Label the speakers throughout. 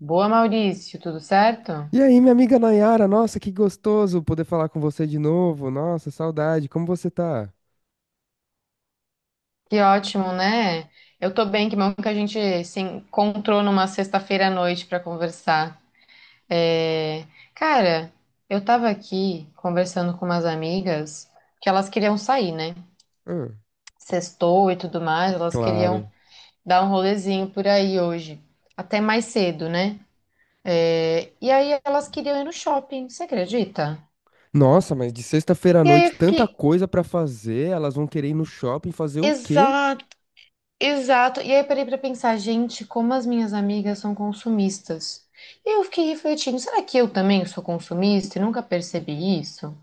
Speaker 1: Boa, Maurício, tudo certo?
Speaker 2: E aí, minha amiga Nayara, nossa, que gostoso poder falar com você de novo. Nossa, saudade. Como você tá?
Speaker 1: Que ótimo, né? Eu tô bem, que bom que a gente se encontrou numa sexta-feira à noite para conversar. É, Cara, eu tava aqui conversando com umas amigas que elas queriam sair, né?
Speaker 2: Ah,
Speaker 1: Sextou e tudo mais, elas queriam
Speaker 2: claro.
Speaker 1: dar um rolezinho por aí hoje, até mais cedo, né? E aí elas queriam ir no shopping, você acredita?
Speaker 2: Nossa, mas de sexta-feira à
Speaker 1: E aí eu
Speaker 2: noite, tanta
Speaker 1: fiquei,
Speaker 2: coisa pra fazer, elas vão querer ir no shopping fazer o quê?
Speaker 1: Exato. E aí eu parei pra pensar, gente, como as minhas amigas são consumistas. E eu fiquei refletindo, será que eu também sou consumista e nunca percebi isso?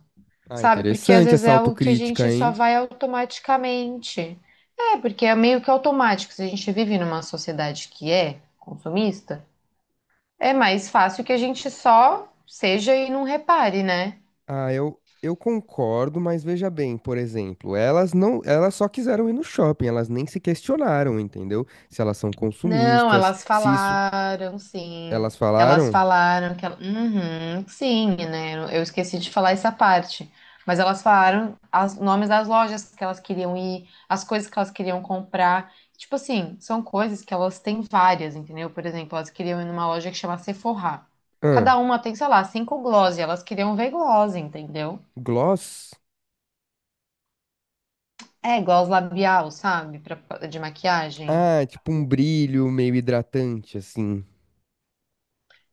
Speaker 2: Ah,
Speaker 1: Sabe? Porque às
Speaker 2: interessante
Speaker 1: vezes
Speaker 2: essa
Speaker 1: é algo que a
Speaker 2: autocrítica,
Speaker 1: gente só
Speaker 2: hein?
Speaker 1: vai automaticamente. É, porque é meio que automático. Se a gente vive numa sociedade que é consumista, é mais fácil que a gente só seja e não repare, né?
Speaker 2: Ah, eu concordo, mas veja bem, por exemplo, elas não, elas só quiseram ir no shopping, elas nem se questionaram, entendeu? Se elas são
Speaker 1: Não,
Speaker 2: consumistas,
Speaker 1: elas
Speaker 2: se isso,
Speaker 1: falaram, sim.
Speaker 2: elas
Speaker 1: Elas
Speaker 2: falaram,
Speaker 1: falaram que ela... Uhum, sim, né? Eu esqueci de falar essa parte. Mas elas falaram os nomes das lojas que elas queriam ir, as coisas que elas queriam comprar. Tipo assim, são coisas que elas têm várias, entendeu? Por exemplo, elas queriam ir numa loja que chama Sephora.
Speaker 2: ah,
Speaker 1: Cada uma tem, sei lá, cinco gloss, e elas queriam ver gloss, entendeu?
Speaker 2: gloss?
Speaker 1: É, gloss labial, sabe? De maquiagem.
Speaker 2: Ah, tipo um brilho meio hidratante, assim.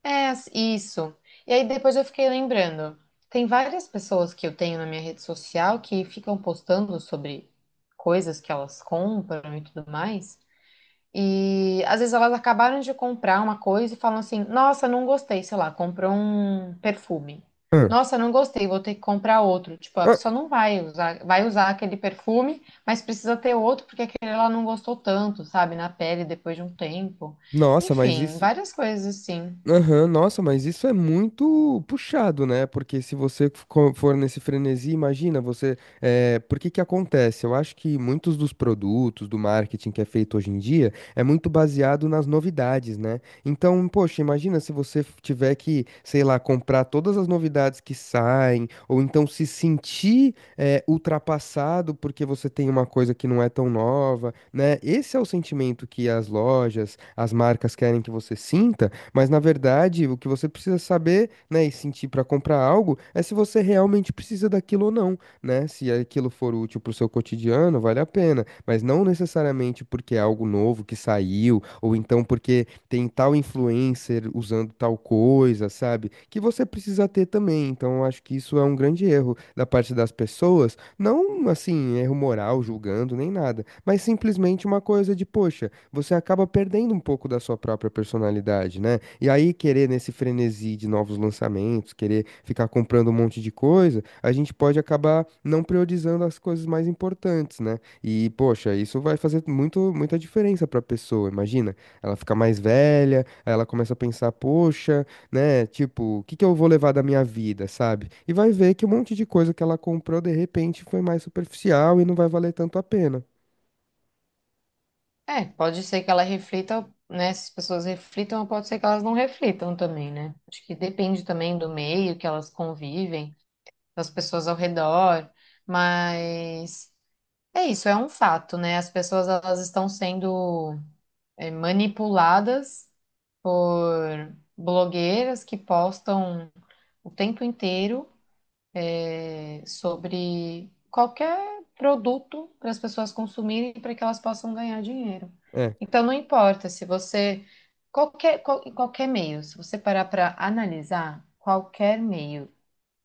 Speaker 1: Isso. E aí depois eu fiquei lembrando. Tem várias pessoas que eu tenho na minha rede social que ficam postando sobre coisas que elas compram e tudo mais. E às vezes elas acabaram de comprar uma coisa e falam assim: Nossa, não gostei, sei lá, comprou um perfume.
Speaker 2: Ah,
Speaker 1: Nossa, não gostei, vou ter que comprar outro. Tipo, a
Speaker 2: ah,
Speaker 1: pessoa não vai usar, vai usar aquele perfume, mas precisa ter outro porque aquele ela não gostou tanto, sabe, na pele depois de um tempo.
Speaker 2: nossa, mas
Speaker 1: Enfim,
Speaker 2: isso.
Speaker 1: várias coisas assim.
Speaker 2: Aham, nossa, mas isso é muito puxado, né? Porque se você co- for nesse frenesi, imagina você. Por que que acontece? Eu acho que muitos dos produtos, do marketing que é feito hoje em dia, é muito baseado nas novidades, né? Então, poxa, imagina se você f- tiver que, sei lá, comprar todas as novidades que saem, ou então se sentir, ultrapassado porque você tem uma coisa que não é tão nova, né? Esse é o sentimento que as lojas, as marcas querem que você sinta. Mas na verdade, o que você precisa saber, né, e sentir para comprar algo é se você realmente precisa daquilo ou não, né? Se aquilo for útil para o seu cotidiano, vale a pena, mas não necessariamente porque é algo novo que saiu ou então porque tem tal influencer usando tal coisa, sabe? Que você precisa ter também. Então, eu acho que isso é um grande erro da parte das pessoas, não assim, erro moral, julgando nem nada, mas simplesmente uma coisa de, poxa, você acaba perdendo um pouco da sua própria personalidade, né? E aí, querer nesse frenesi de novos lançamentos, querer ficar comprando um monte de coisa, a gente pode acabar não priorizando as coisas mais importantes, né? E, poxa, isso vai fazer muito, muita diferença para a pessoa, imagina. Ela fica mais velha, aí ela começa a pensar, poxa, né? Tipo, o que que eu vou levar da minha vida, sabe? E vai ver que um monte de coisa que ela comprou, de repente, foi mais superficial e não vai valer tanto a pena.
Speaker 1: É, pode ser que ela reflita, né? Se as pessoas reflitam, ou pode ser que elas não reflitam também, né? Acho que depende também do meio que elas convivem, das pessoas ao redor, mas é isso, é um fato, né? As pessoas elas estão sendo manipuladas por blogueiras que postam o tempo inteiro sobre qualquer produto para as pessoas consumirem para que elas possam ganhar dinheiro.
Speaker 2: É.
Speaker 1: Então, não importa se você. Qualquer meio, se você parar para analisar, qualquer meio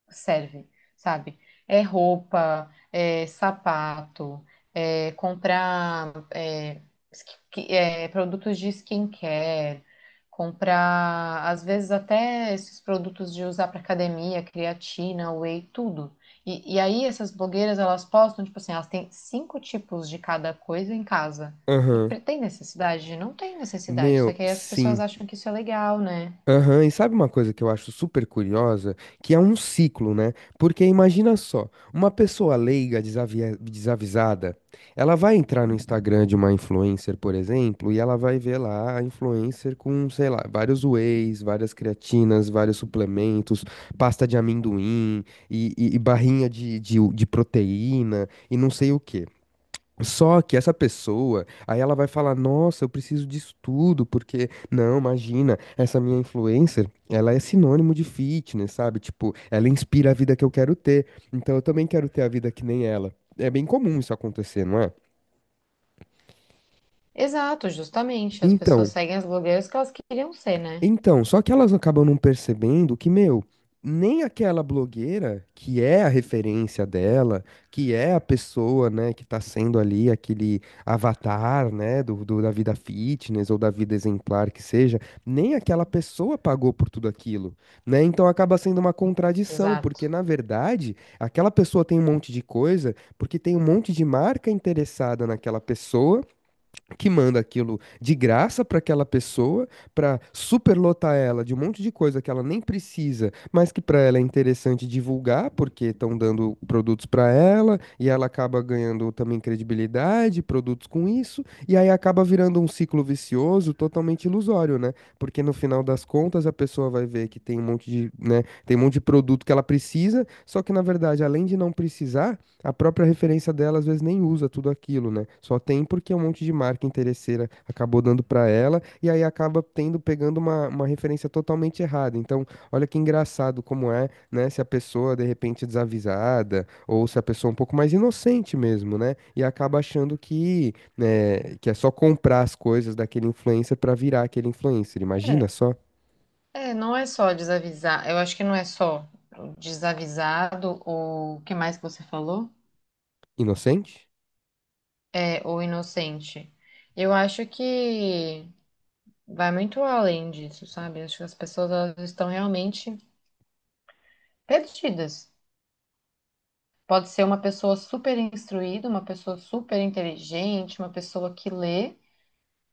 Speaker 1: serve, sabe? É roupa, é sapato, é comprar é, ski- é, produtos de skincare, comprar, às vezes até esses produtos de usar para academia, creatina, whey, tudo. E aí essas blogueiras, elas postam, tipo assim, elas têm cinco tipos de cada coisa em casa.
Speaker 2: Aham.
Speaker 1: Tem necessidade? Não tem necessidade. Só
Speaker 2: Meu,
Speaker 1: que aí as pessoas
Speaker 2: sim.
Speaker 1: acham que isso é legal, né?
Speaker 2: Aham, e sabe uma coisa que eu acho super curiosa? Que é um ciclo, né? Porque imagina só, uma pessoa leiga, desavisada, ela vai entrar no Instagram de uma influencer, por exemplo, e ela vai ver lá a influencer com, sei lá, vários wheys, várias creatinas, vários suplementos, pasta de amendoim e barrinha de proteína e não sei o quê. Só que essa pessoa, aí ela vai falar: "Nossa, eu preciso disso tudo, porque, não, imagina, essa minha influencer, ela é sinônimo de fitness, sabe?" Tipo, ela inspira a vida que eu quero ter. Então eu também quero ter a vida que nem ela. É bem comum isso acontecer, não é?
Speaker 1: Exato, justamente. As pessoas
Speaker 2: Então,
Speaker 1: seguem as blogueiras que elas queriam ser, né?
Speaker 2: Então, só que elas acabam não percebendo que, meu, nem aquela blogueira que é a referência dela, que é a pessoa, né, que tá sendo ali aquele avatar, né, da vida fitness ou da vida exemplar que seja, nem aquela pessoa pagou por tudo aquilo, né? Então acaba sendo uma contradição, porque
Speaker 1: Exato.
Speaker 2: na verdade, aquela pessoa tem um monte de coisa, porque tem um monte de marca interessada naquela pessoa que manda aquilo de graça para aquela pessoa, para superlotar ela de um monte de coisa que ela nem precisa, mas que para ela é interessante divulgar, porque estão dando produtos para ela, e ela acaba ganhando também credibilidade, produtos com isso, e aí acaba virando um ciclo vicioso totalmente ilusório, né? Porque no final das contas a pessoa vai ver que tem um monte de, né, tem um monte de produto que ela precisa, só que na verdade, além de não precisar, a própria referência dela às vezes nem usa tudo aquilo, né? Só tem porque um monte de marca interesseira acabou dando pra ela e aí acaba tendo pegando uma referência totalmente errada. Então, olha que engraçado como é, né? Se a pessoa de repente desavisada ou se a pessoa um pouco mais inocente mesmo, né? E acaba achando que, né, que é só comprar as coisas daquele influencer pra virar aquele influencer. Imagina
Speaker 1: É,
Speaker 2: só,
Speaker 1: É, não é só desavisar. Eu acho que não é só desavisado ou o que mais que você falou?
Speaker 2: inocente?
Speaker 1: É, ou inocente. Eu acho que vai muito além disso, sabe? Acho que as pessoas elas estão realmente perdidas. Pode ser uma pessoa super instruída, uma pessoa super inteligente, uma pessoa que lê.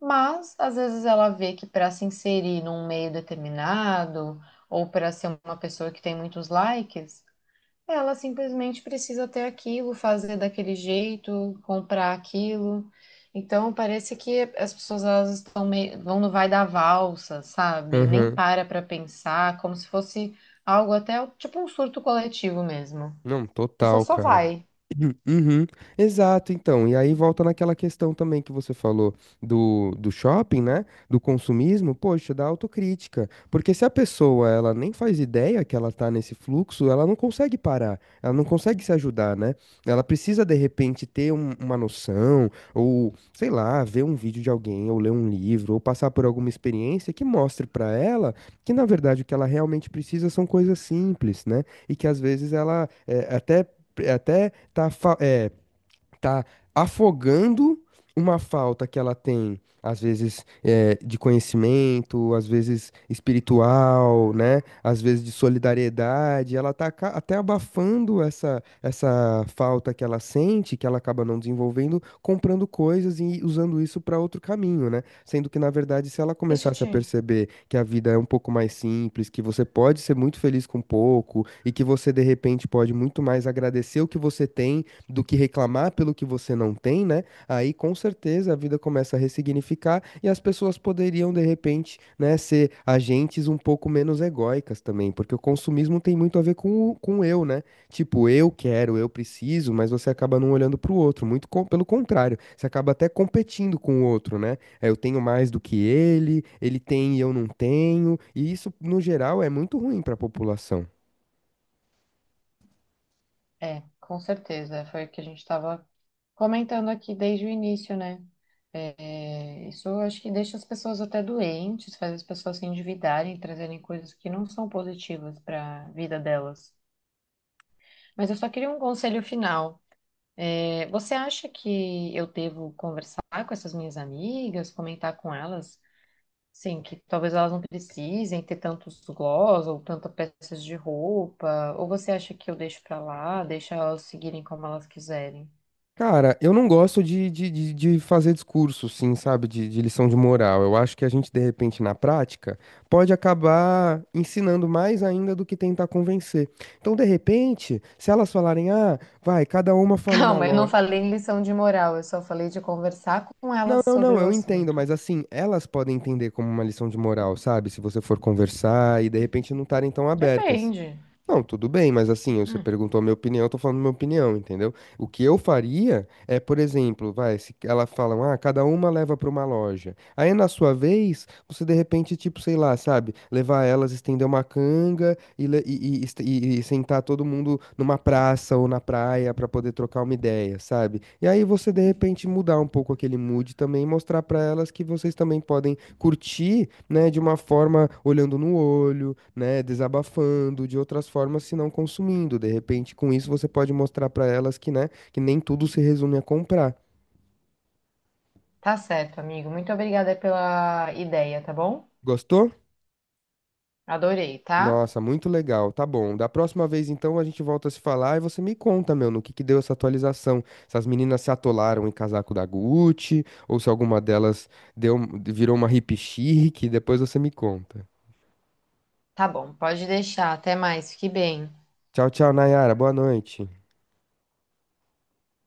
Speaker 1: Mas às vezes ela vê que para se inserir num meio determinado ou para ser uma pessoa que tem muitos likes, ela simplesmente precisa ter aquilo, fazer daquele jeito, comprar aquilo. Então parece que as pessoas elas estão meio, vão no vai da valsa, sabe? Nem
Speaker 2: Aham.
Speaker 1: para pensar, como se fosse algo até tipo um surto coletivo mesmo.
Speaker 2: Não,
Speaker 1: A pessoa
Speaker 2: total,
Speaker 1: só
Speaker 2: cara.
Speaker 1: vai.
Speaker 2: Uhum, uhum. Exato, então. E aí volta naquela questão também que você falou do shopping, né? Do consumismo, poxa, da autocrítica. Porque se a pessoa, ela nem faz ideia que ela tá nesse fluxo, ela não consegue parar, ela não consegue se ajudar, né? Ela precisa, de repente, ter uma noção, ou, sei lá, ver um vídeo de alguém, ou ler um livro, ou passar por alguma experiência que mostre pra ela que, na verdade, o que ela realmente precisa são coisas simples, né? E que às vezes ela é, até é, até tá é, tá afogando uma falta que ela tem, às vezes de conhecimento, às vezes espiritual, né? Às vezes de solidariedade. Ela tá aca- até abafando essa, essa falta que ela sente, que ela acaba não desenvolvendo, comprando coisas e usando isso para outro caminho, né? Sendo que, na verdade, se ela
Speaker 1: Deixa eu
Speaker 2: começasse a
Speaker 1: te
Speaker 2: perceber que a vida é um pouco mais simples, que você pode ser muito feliz com pouco e que você, de repente, pode muito mais agradecer o que você tem do que reclamar pelo que você não tem, né? Aí com certeza a vida começa a ressignificar e as pessoas poderiam, de repente, né, ser agentes um pouco menos egóicas também, porque o consumismo tem muito a ver com o eu, né? Tipo, eu quero, eu preciso, mas você acaba não olhando para o outro, muito co- pelo contrário, você acaba até competindo com o outro, né? É, eu tenho mais do que ele tem e eu não tenho, e isso, no geral, é muito ruim para a população.
Speaker 1: É, com certeza. Foi o que a gente estava comentando aqui desde o início, né? É, isso eu acho que deixa as pessoas até doentes, faz as pessoas se endividarem, trazerem coisas que não são positivas para a vida delas. Mas eu só queria um conselho final. É, você acha que eu devo conversar com essas minhas amigas, comentar com elas? Sim, que talvez elas não precisem ter tantos gloss ou tantas peças de roupa. Ou você acha que eu deixo para lá, deixa elas seguirem como elas quiserem?
Speaker 2: Cara, eu não gosto de fazer discurso, sim, sabe, de lição de moral. Eu acho que a gente, de repente, na prática, pode acabar ensinando mais ainda do que tentar convencer. Então, de repente, se elas falarem, ah, vai, cada uma fala uma
Speaker 1: Calma, eu não
Speaker 2: lógica.
Speaker 1: falei em lição de moral, eu só falei de conversar com
Speaker 2: Não,
Speaker 1: elas
Speaker 2: não,
Speaker 1: sobre
Speaker 2: não,
Speaker 1: o
Speaker 2: eu entendo,
Speaker 1: assunto.
Speaker 2: mas assim, elas podem entender como uma lição de moral, sabe? Se você for conversar e, de repente, não estarem tão abertas.
Speaker 1: Depende.
Speaker 2: Não, tudo bem, mas assim, você
Speaker 1: Hum,
Speaker 2: perguntou a minha opinião, eu tô falando minha opinião, entendeu? O que eu faria é, por exemplo, vai, se elas falam, ah, cada uma leva para uma loja. Aí na sua vez, você de repente, tipo, sei lá, sabe, levar elas, estender uma canga e sentar todo mundo numa praça ou na praia pra poder trocar uma ideia, sabe? E aí você de repente mudar um pouco aquele mood também, e mostrar pra elas que vocês também podem curtir, né, de uma forma olhando no olho, né, desabafando, de outras formas se não consumindo. De repente, com isso você pode mostrar pra elas que, né, que nem tudo se resume a comprar.
Speaker 1: tá certo, amigo. Muito obrigada pela ideia, tá bom?
Speaker 2: Gostou?
Speaker 1: Adorei, tá?
Speaker 2: Nossa, muito legal. Tá bom. Da próxima vez, então, a gente volta a se falar e você me conta, meu, no que deu essa atualização. Se as meninas se atolaram em casaco da Gucci, ou se alguma delas deu, virou uma hippie chique. Depois você me conta.
Speaker 1: Tá bom, pode deixar. Até mais, fique bem.
Speaker 2: Tchau, tchau, Nayara. Boa noite.